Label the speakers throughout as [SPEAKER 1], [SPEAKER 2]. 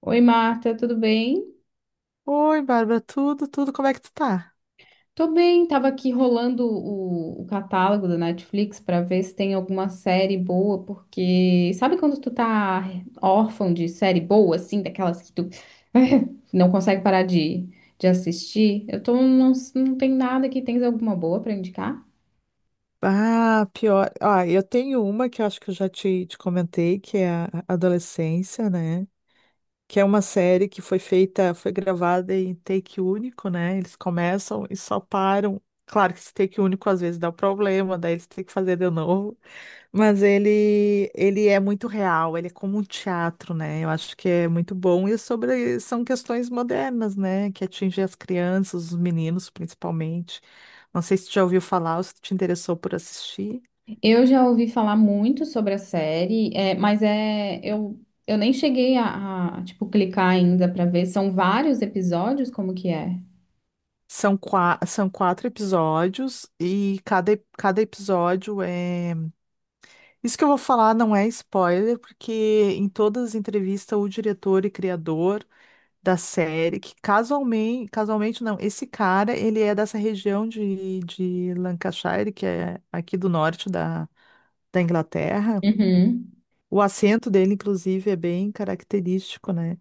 [SPEAKER 1] Oi, Marta, tudo bem?
[SPEAKER 2] Oi, Bárbara, tudo, como é que tu tá?
[SPEAKER 1] Tô bem, tava aqui rolando o catálogo da Netflix pra ver se tem alguma série boa, porque sabe quando tu tá órfão de série boa, assim, daquelas que tu não consegue parar de assistir? Eu tô, não, não tem nada aqui, tens alguma boa pra indicar?
[SPEAKER 2] Ah, pior. Ah, eu tenho uma que eu acho que eu já te comentei, que é a Adolescência, né? Que é uma série que foi feita, foi gravada em take único, né? Eles começam e só param. Claro que esse take único às vezes dá problema, daí eles têm que fazer de novo. Mas ele é muito real, ele é como um teatro, né? Eu acho que é muito bom. E sobre, são questões modernas, né? Que atingem as crianças, os meninos, principalmente. Não sei se tu já ouviu falar ou se te interessou por assistir.
[SPEAKER 1] Eu já ouvi falar muito sobre a série, é, mas é, eu nem cheguei a, tipo, clicar ainda pra ver, são vários episódios, como que é?
[SPEAKER 2] São, são quatro episódios e cada episódio é. Isso que eu vou falar não é spoiler, porque em todas as entrevistas o diretor e criador. Da série, que casualmente não, esse cara, ele é dessa região de Lancashire, que é aqui do norte da Inglaterra.
[SPEAKER 1] Uhum.
[SPEAKER 2] O acento dele, inclusive, é bem característico, né?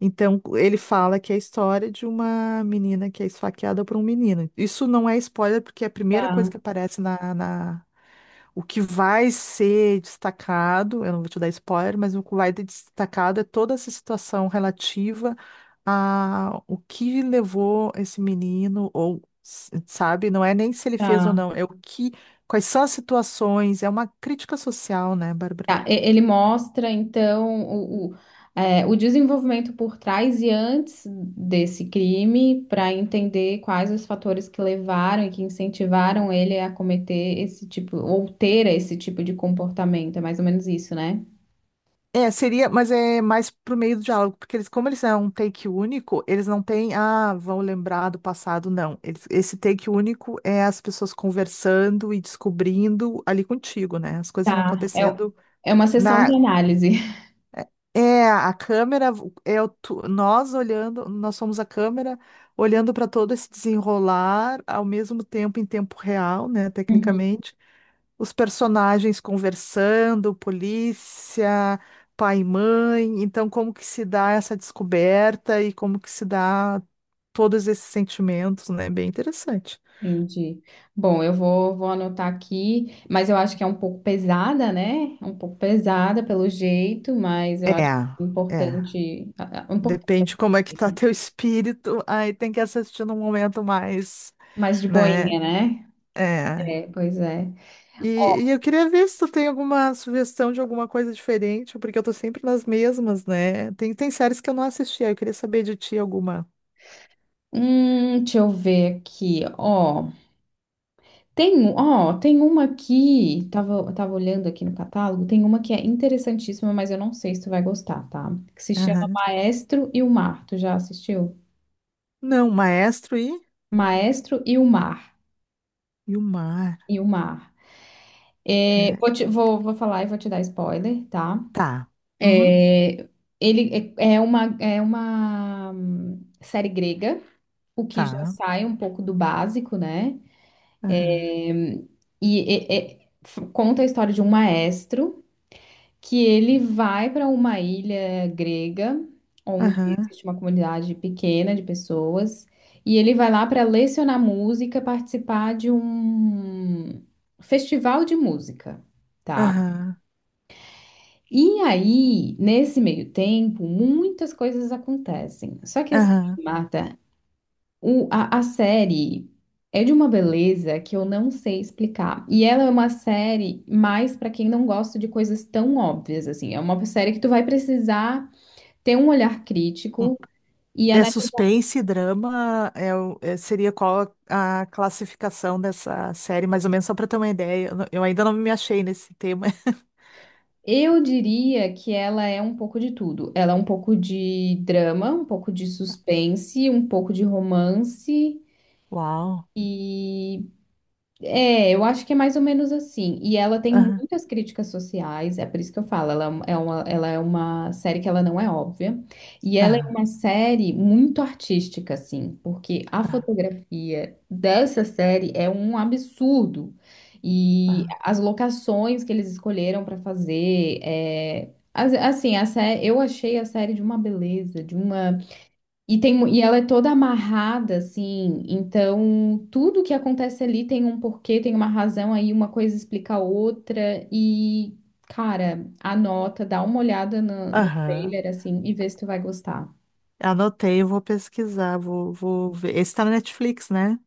[SPEAKER 2] Então, ele fala que é a história de uma menina que é esfaqueada por um menino. Isso não é spoiler, porque é a primeira coisa que
[SPEAKER 1] Tá.
[SPEAKER 2] aparece na. O que vai ser destacado, eu não vou te dar spoiler, mas o que vai ser destacado é toda essa situação relativa a o que levou esse menino, ou, sabe, não é nem se ele fez ou
[SPEAKER 1] Tá.
[SPEAKER 2] não, é o que. Quais são as situações, é uma crítica social, né, Bárbara?
[SPEAKER 1] Tá, ele mostra, então, o desenvolvimento por trás e antes desse crime, para entender quais os fatores que levaram e que incentivaram ele a cometer esse tipo, ou ter esse tipo de comportamento. É mais ou menos isso, né?
[SPEAKER 2] É, seria, mas é mais pro meio do diálogo, porque eles, como eles é um take único, eles não têm, vão lembrar do passado, não. Eles- esse take único é as pessoas conversando e descobrindo ali contigo, né? As coisas vão
[SPEAKER 1] Tá. É,
[SPEAKER 2] acontecendo
[SPEAKER 1] é uma sessão de
[SPEAKER 2] na,
[SPEAKER 1] análise.
[SPEAKER 2] é, a câmera é o nós olhando, nós somos a câmera olhando para todo esse desenrolar ao mesmo tempo em tempo real, né, tecnicamente os personagens conversando, polícia, pai e mãe. Então, como que se dá essa descoberta e como que se dá todos esses sentimentos, né? Bem interessante.
[SPEAKER 1] Entendi. Bom, eu vou anotar aqui, mas eu acho que é um pouco pesada, né? É um pouco pesada pelo jeito, mas eu acho
[SPEAKER 2] É, é.
[SPEAKER 1] importante, importante
[SPEAKER 2] Depende como é que
[SPEAKER 1] assistir,
[SPEAKER 2] tá
[SPEAKER 1] né?
[SPEAKER 2] teu espírito, aí tem que assistir num momento mais,
[SPEAKER 1] Mais de
[SPEAKER 2] né?
[SPEAKER 1] boinha, né?
[SPEAKER 2] É.
[SPEAKER 1] É, pois é.
[SPEAKER 2] E eu queria ver se tu tem alguma sugestão de alguma coisa diferente, porque eu tô sempre nas mesmas, né? Tem séries que eu não assisti, aí eu queria saber de ti alguma.
[SPEAKER 1] Deixa eu ver aqui, ó. Ó, tem uma aqui, tava olhando aqui no catálogo, tem uma que é interessantíssima, mas eu não sei se tu vai gostar, tá? Que se chama Maestro e o Mar. Tu já assistiu?
[SPEAKER 2] Não, maestro
[SPEAKER 1] Maestro e o Mar.
[SPEAKER 2] e o mar.
[SPEAKER 1] E o Mar. É, vou, te-
[SPEAKER 2] É,
[SPEAKER 1] vou, vou falar e vou te dar spoiler, tá?
[SPEAKER 2] tá. Uhum,
[SPEAKER 1] É, ele é uma série grega, o que já
[SPEAKER 2] tá.
[SPEAKER 1] sai um pouco do básico, né?
[SPEAKER 2] Aham,
[SPEAKER 1] É, E conta a história de um maestro que ele vai para uma ilha grega, onde
[SPEAKER 2] aham,
[SPEAKER 1] existe uma comunidade pequena de pessoas, e ele vai lá para lecionar música, participar de um festival de música, tá?
[SPEAKER 2] aham,
[SPEAKER 1] E aí, nesse meio tempo, muitas coisas acontecem. Só que assim,
[SPEAKER 2] aham.
[SPEAKER 1] Marta, a série é de uma beleza que eu não sei explicar. E ela é uma série mais para quem não gosta de coisas tão óbvias assim. É uma série que tu vai precisar ter um olhar
[SPEAKER 2] Hum,
[SPEAKER 1] crítico e
[SPEAKER 2] é
[SPEAKER 1] analisar.
[SPEAKER 2] suspense e drama, é, seria qual a classificação dessa série, mais ou menos, só para ter uma ideia. Eu ainda não me achei nesse tema.
[SPEAKER 1] Eu diria que ela é um pouco de tudo. Ela é um pouco de drama, um pouco de suspense, um pouco de romance.
[SPEAKER 2] Uau.
[SPEAKER 1] E É, eu acho que é mais ou menos assim. E ela tem
[SPEAKER 2] Aham,
[SPEAKER 1] muitas críticas sociais, é por isso que eu falo, ela é uma série que ela não é óbvia. E ela é
[SPEAKER 2] aham,
[SPEAKER 1] uma série muito artística, assim, porque a
[SPEAKER 2] aham,
[SPEAKER 1] fotografia dessa série é um absurdo. E
[SPEAKER 2] aham.
[SPEAKER 1] as locações que eles escolheram para fazer, assim, eu achei a série de uma beleza, de uma e, tem, mu- e ela é toda amarrada, assim, então tudo que acontece ali tem um porquê, tem uma razão aí, uma coisa explica a outra, e, cara, anota, dá uma olhada no
[SPEAKER 2] Aham.
[SPEAKER 1] trailer, assim, e vê se tu vai gostar.
[SPEAKER 2] Anotei, eu vou pesquisar, vou ver. Esse tá na Netflix, né?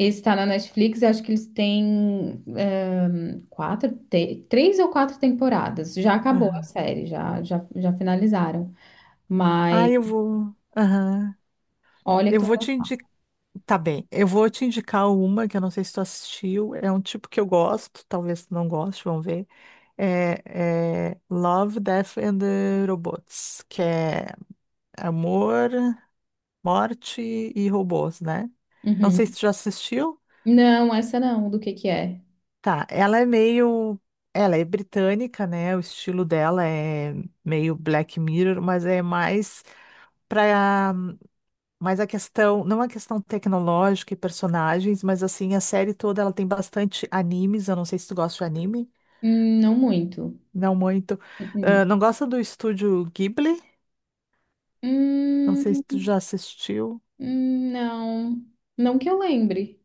[SPEAKER 1] Esse tá na Netflix, eu acho que eles têm três ou quatro temporadas, já acabou a
[SPEAKER 2] Aham.
[SPEAKER 1] série, já, já, já finalizaram,
[SPEAKER 2] Ah,
[SPEAKER 1] mas
[SPEAKER 2] eu vou. Aham.
[SPEAKER 1] olha que
[SPEAKER 2] Eu
[SPEAKER 1] tu vai
[SPEAKER 2] vou te
[SPEAKER 1] gostar.
[SPEAKER 2] indicar. Tá bem, eu vou te indicar uma que eu não sei se tu assistiu, é um tipo que eu gosto, talvez tu não goste, vamos ver. É, é Love, Death and the Robots, que é amor, morte e robôs, né? Não sei se
[SPEAKER 1] Uhum.
[SPEAKER 2] tu já assistiu.
[SPEAKER 1] Não, essa não, do que é?
[SPEAKER 2] Tá, ela é meio. Ela é britânica, né? O estilo dela é meio Black Mirror, mas é mais pra mas a questão, não a questão tecnológica e personagens, mas assim, a série toda ela tem bastante animes. Eu não sei se tu gosta de anime,
[SPEAKER 1] Não muito.
[SPEAKER 2] não muito.
[SPEAKER 1] Uhum.
[SPEAKER 2] Ah, não gosta do estúdio Ghibli? Não sei
[SPEAKER 1] Hum,
[SPEAKER 2] se tu já assistiu.
[SPEAKER 1] não, não que eu lembre.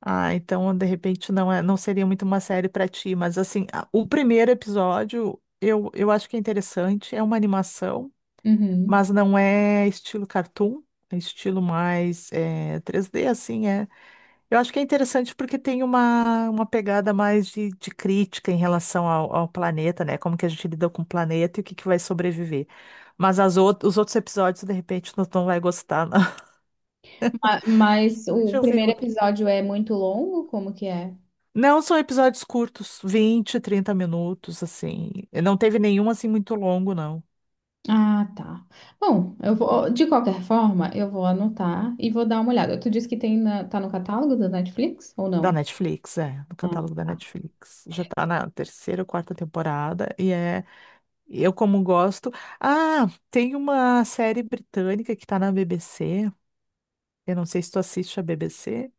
[SPEAKER 2] Ah, então de repente não é, não seria muito uma série pra ti, mas assim, o primeiro episódio eu acho que é interessante, é uma animação,
[SPEAKER 1] Uhum.
[SPEAKER 2] mas não é estilo cartoon, é estilo mais 3D, assim, é. Eu acho que é interessante porque tem uma pegada mais de crítica em relação ao planeta, né? Como que a gente lida com o planeta e o que, que vai sobreviver. Mas as os outros episódios, de repente, não, não vai gostar, não.
[SPEAKER 1] Mas,
[SPEAKER 2] Deixa
[SPEAKER 1] o
[SPEAKER 2] eu ver
[SPEAKER 1] primeiro
[SPEAKER 2] outro.
[SPEAKER 1] episódio é muito longo? Como que é?
[SPEAKER 2] Não, são episódios curtos, 20, 30 minutos, assim. Não teve nenhum, assim, muito longo, não.
[SPEAKER 1] Ah, tá. Bom, eu vou, de qualquer forma, eu vou anotar e vou dar uma olhada. Tu disse que tá no catálogo da Netflix ou
[SPEAKER 2] Da
[SPEAKER 1] não?
[SPEAKER 2] Netflix, é, no
[SPEAKER 1] Ah,
[SPEAKER 2] catálogo da
[SPEAKER 1] tá.
[SPEAKER 2] Netflix. Já tá na terceira ou quarta temporada e é, eu como gosto. Ah, tem uma série britânica que tá na BBC. Eu não sei se tu assiste a BBC.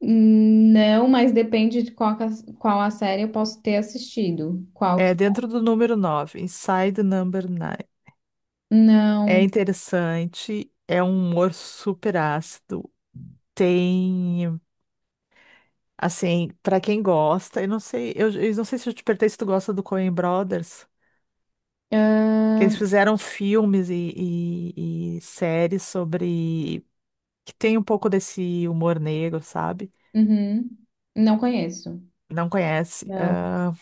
[SPEAKER 1] Não, mas depende de qual, qual a série eu posso ter assistido. Qual que.
[SPEAKER 2] É dentro do número 9, Inside the Number 9. É
[SPEAKER 1] Não.
[SPEAKER 2] interessante, é um humor super ácido. Tem, assim, pra quem gosta, eu não sei, eu não sei se eu te perguntei se tu gosta do Coen Brothers, que
[SPEAKER 1] Ah,
[SPEAKER 2] eles fizeram filmes e séries sobre que tem um pouco desse humor negro, sabe?
[SPEAKER 1] uhum. Não conheço.
[SPEAKER 2] Não conhece.
[SPEAKER 1] Não.
[SPEAKER 2] Ah,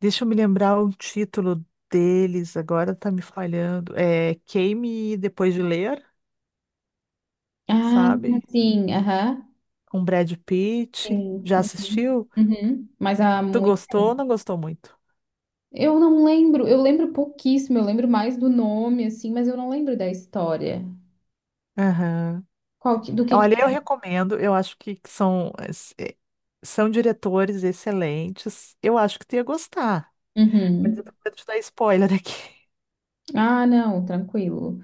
[SPEAKER 2] deixa eu me lembrar o título deles, agora tá me falhando. É Queime Depois de Ler,
[SPEAKER 1] Ah,
[SPEAKER 2] sabe?
[SPEAKER 1] sim, aham.
[SPEAKER 2] Com Brad Pitt.
[SPEAKER 1] Sim.
[SPEAKER 2] Já
[SPEAKER 1] Uhum.
[SPEAKER 2] assistiu?
[SPEAKER 1] Uhum. Mas há
[SPEAKER 2] Tu
[SPEAKER 1] muito.
[SPEAKER 2] gostou ou não gostou muito?
[SPEAKER 1] Eu não lembro, eu lembro pouquíssimo, eu lembro mais do nome, assim, mas eu não lembro da história.
[SPEAKER 2] Aham.
[SPEAKER 1] Do que que.
[SPEAKER 2] Olha, eu recomendo, eu acho que são, é, são diretores excelentes. Eu acho que tu ia gostar. Mas
[SPEAKER 1] Uhum.
[SPEAKER 2] eu tô com medo de dar spoiler aqui.
[SPEAKER 1] Ah, não, tranquilo.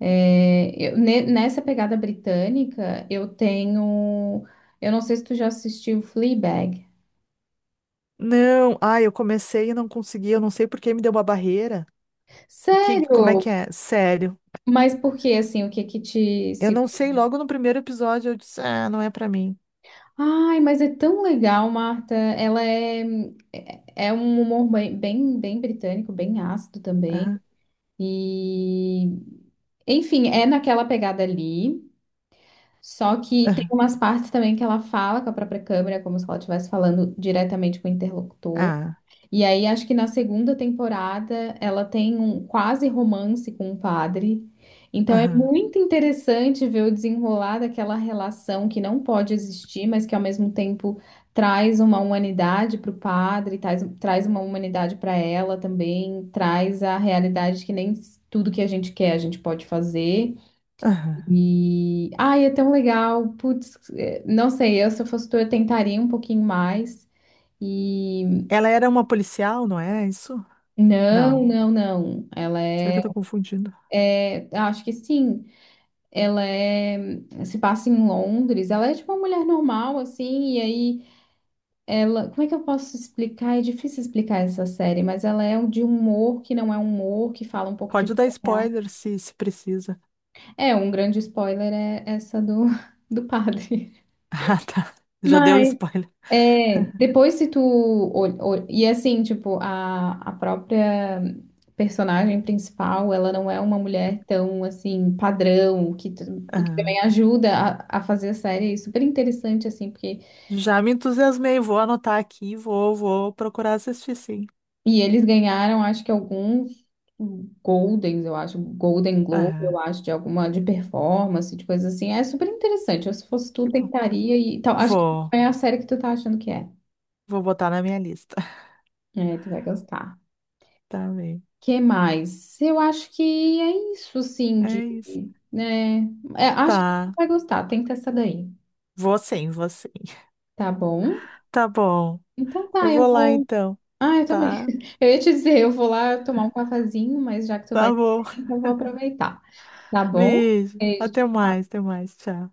[SPEAKER 1] É, nessa pegada britânica, eu tenho. Eu não sei se tu já assistiu Fleabag.
[SPEAKER 2] Não, ai, eu comecei e não consegui, eu não sei por que me deu uma barreira. O que, como é
[SPEAKER 1] Sério?
[SPEAKER 2] que é? Sério.
[SPEAKER 1] Mas por que, assim, o que que te.
[SPEAKER 2] Eu não sei, logo no primeiro episódio eu disse, ah, não é pra mim.
[SPEAKER 1] Ai, mas é tão legal, Marta. Ela é. É um humor bem, bem bem britânico, bem ácido também.
[SPEAKER 2] Aham,
[SPEAKER 1] E, enfim, é naquela pegada ali. Só que tem
[SPEAKER 2] aham,
[SPEAKER 1] umas partes também que ela fala com a própria câmera, como se ela estivesse falando diretamente com o interlocutor.
[SPEAKER 2] ah,
[SPEAKER 1] E aí, acho que na segunda temporada ela tem um quase romance com o padre. Então é
[SPEAKER 2] aham,
[SPEAKER 1] muito interessante ver o desenrolar daquela relação que não pode existir, mas que ao mesmo tempo traz uma humanidade para o padre, traz uma humanidade para ela também, traz a realidade de que nem tudo que a gente quer a gente pode fazer.
[SPEAKER 2] aham.
[SPEAKER 1] E ai, é tão legal. Putz, não sei, eu se eu fosse tu, eu tentaria um pouquinho mais. E
[SPEAKER 2] Ela era uma policial, não é isso? Não.
[SPEAKER 1] Não, não, não. Ela
[SPEAKER 2] Será que eu tô confundindo?
[SPEAKER 1] é, acho que sim. Ela é, se passa em Londres. Ela é tipo uma mulher normal, assim. E aí, ela, como é que eu posso explicar? É difícil explicar essa série, mas ela é de um humor que não é um humor, que fala um pouco de
[SPEAKER 2] Pode
[SPEAKER 1] vida
[SPEAKER 2] dar
[SPEAKER 1] real.
[SPEAKER 2] spoiler se precisa.
[SPEAKER 1] É, um grande spoiler é essa do, do padre.
[SPEAKER 2] Ah, tá. Já deu
[SPEAKER 1] Mas
[SPEAKER 2] spoiler.
[SPEAKER 1] é, depois se tu. E assim, tipo, a própria personagem principal, ela não é uma mulher tão, assim, padrão, o que
[SPEAKER 2] Aham.
[SPEAKER 1] também ajuda a fazer a série é super interessante, assim, porque.
[SPEAKER 2] Já me entusiasmei, vou anotar aqui, vou procurar assistir, sim.
[SPEAKER 1] E eles ganharam, acho que alguns Goldens, eu acho, Golden Globe, eu
[SPEAKER 2] Aham,
[SPEAKER 1] acho, de alguma, de performance, de coisa assim. É super interessante. Eu, se fosse tu,
[SPEAKER 2] que bom.
[SPEAKER 1] tentaria e tal. Acho que
[SPEAKER 2] Vou,
[SPEAKER 1] é a série que tu tá achando que é.
[SPEAKER 2] vou botar na minha lista.
[SPEAKER 1] É, tu vai gostar.
[SPEAKER 2] Tá bem.
[SPEAKER 1] Que mais? Eu acho que é isso, assim,
[SPEAKER 2] É
[SPEAKER 1] de,
[SPEAKER 2] isso.
[SPEAKER 1] né? É, acho que você
[SPEAKER 2] Tá.
[SPEAKER 1] vai gostar. Tenta essa daí,
[SPEAKER 2] Vou sim, vou sim.
[SPEAKER 1] tá bom?
[SPEAKER 2] Tá bom.
[SPEAKER 1] Então
[SPEAKER 2] Eu
[SPEAKER 1] tá, eu
[SPEAKER 2] vou lá
[SPEAKER 1] vou.
[SPEAKER 2] então,
[SPEAKER 1] Ah, eu também.
[SPEAKER 2] tá?
[SPEAKER 1] Eu ia te dizer, eu vou lá tomar um cafezinho, mas já que tu vai,
[SPEAKER 2] Tá bom.
[SPEAKER 1] eu vou aproveitar. Tá bom?
[SPEAKER 2] Beijo.
[SPEAKER 1] Beijo.
[SPEAKER 2] Até
[SPEAKER 1] Tchau.
[SPEAKER 2] mais, até mais. Tchau.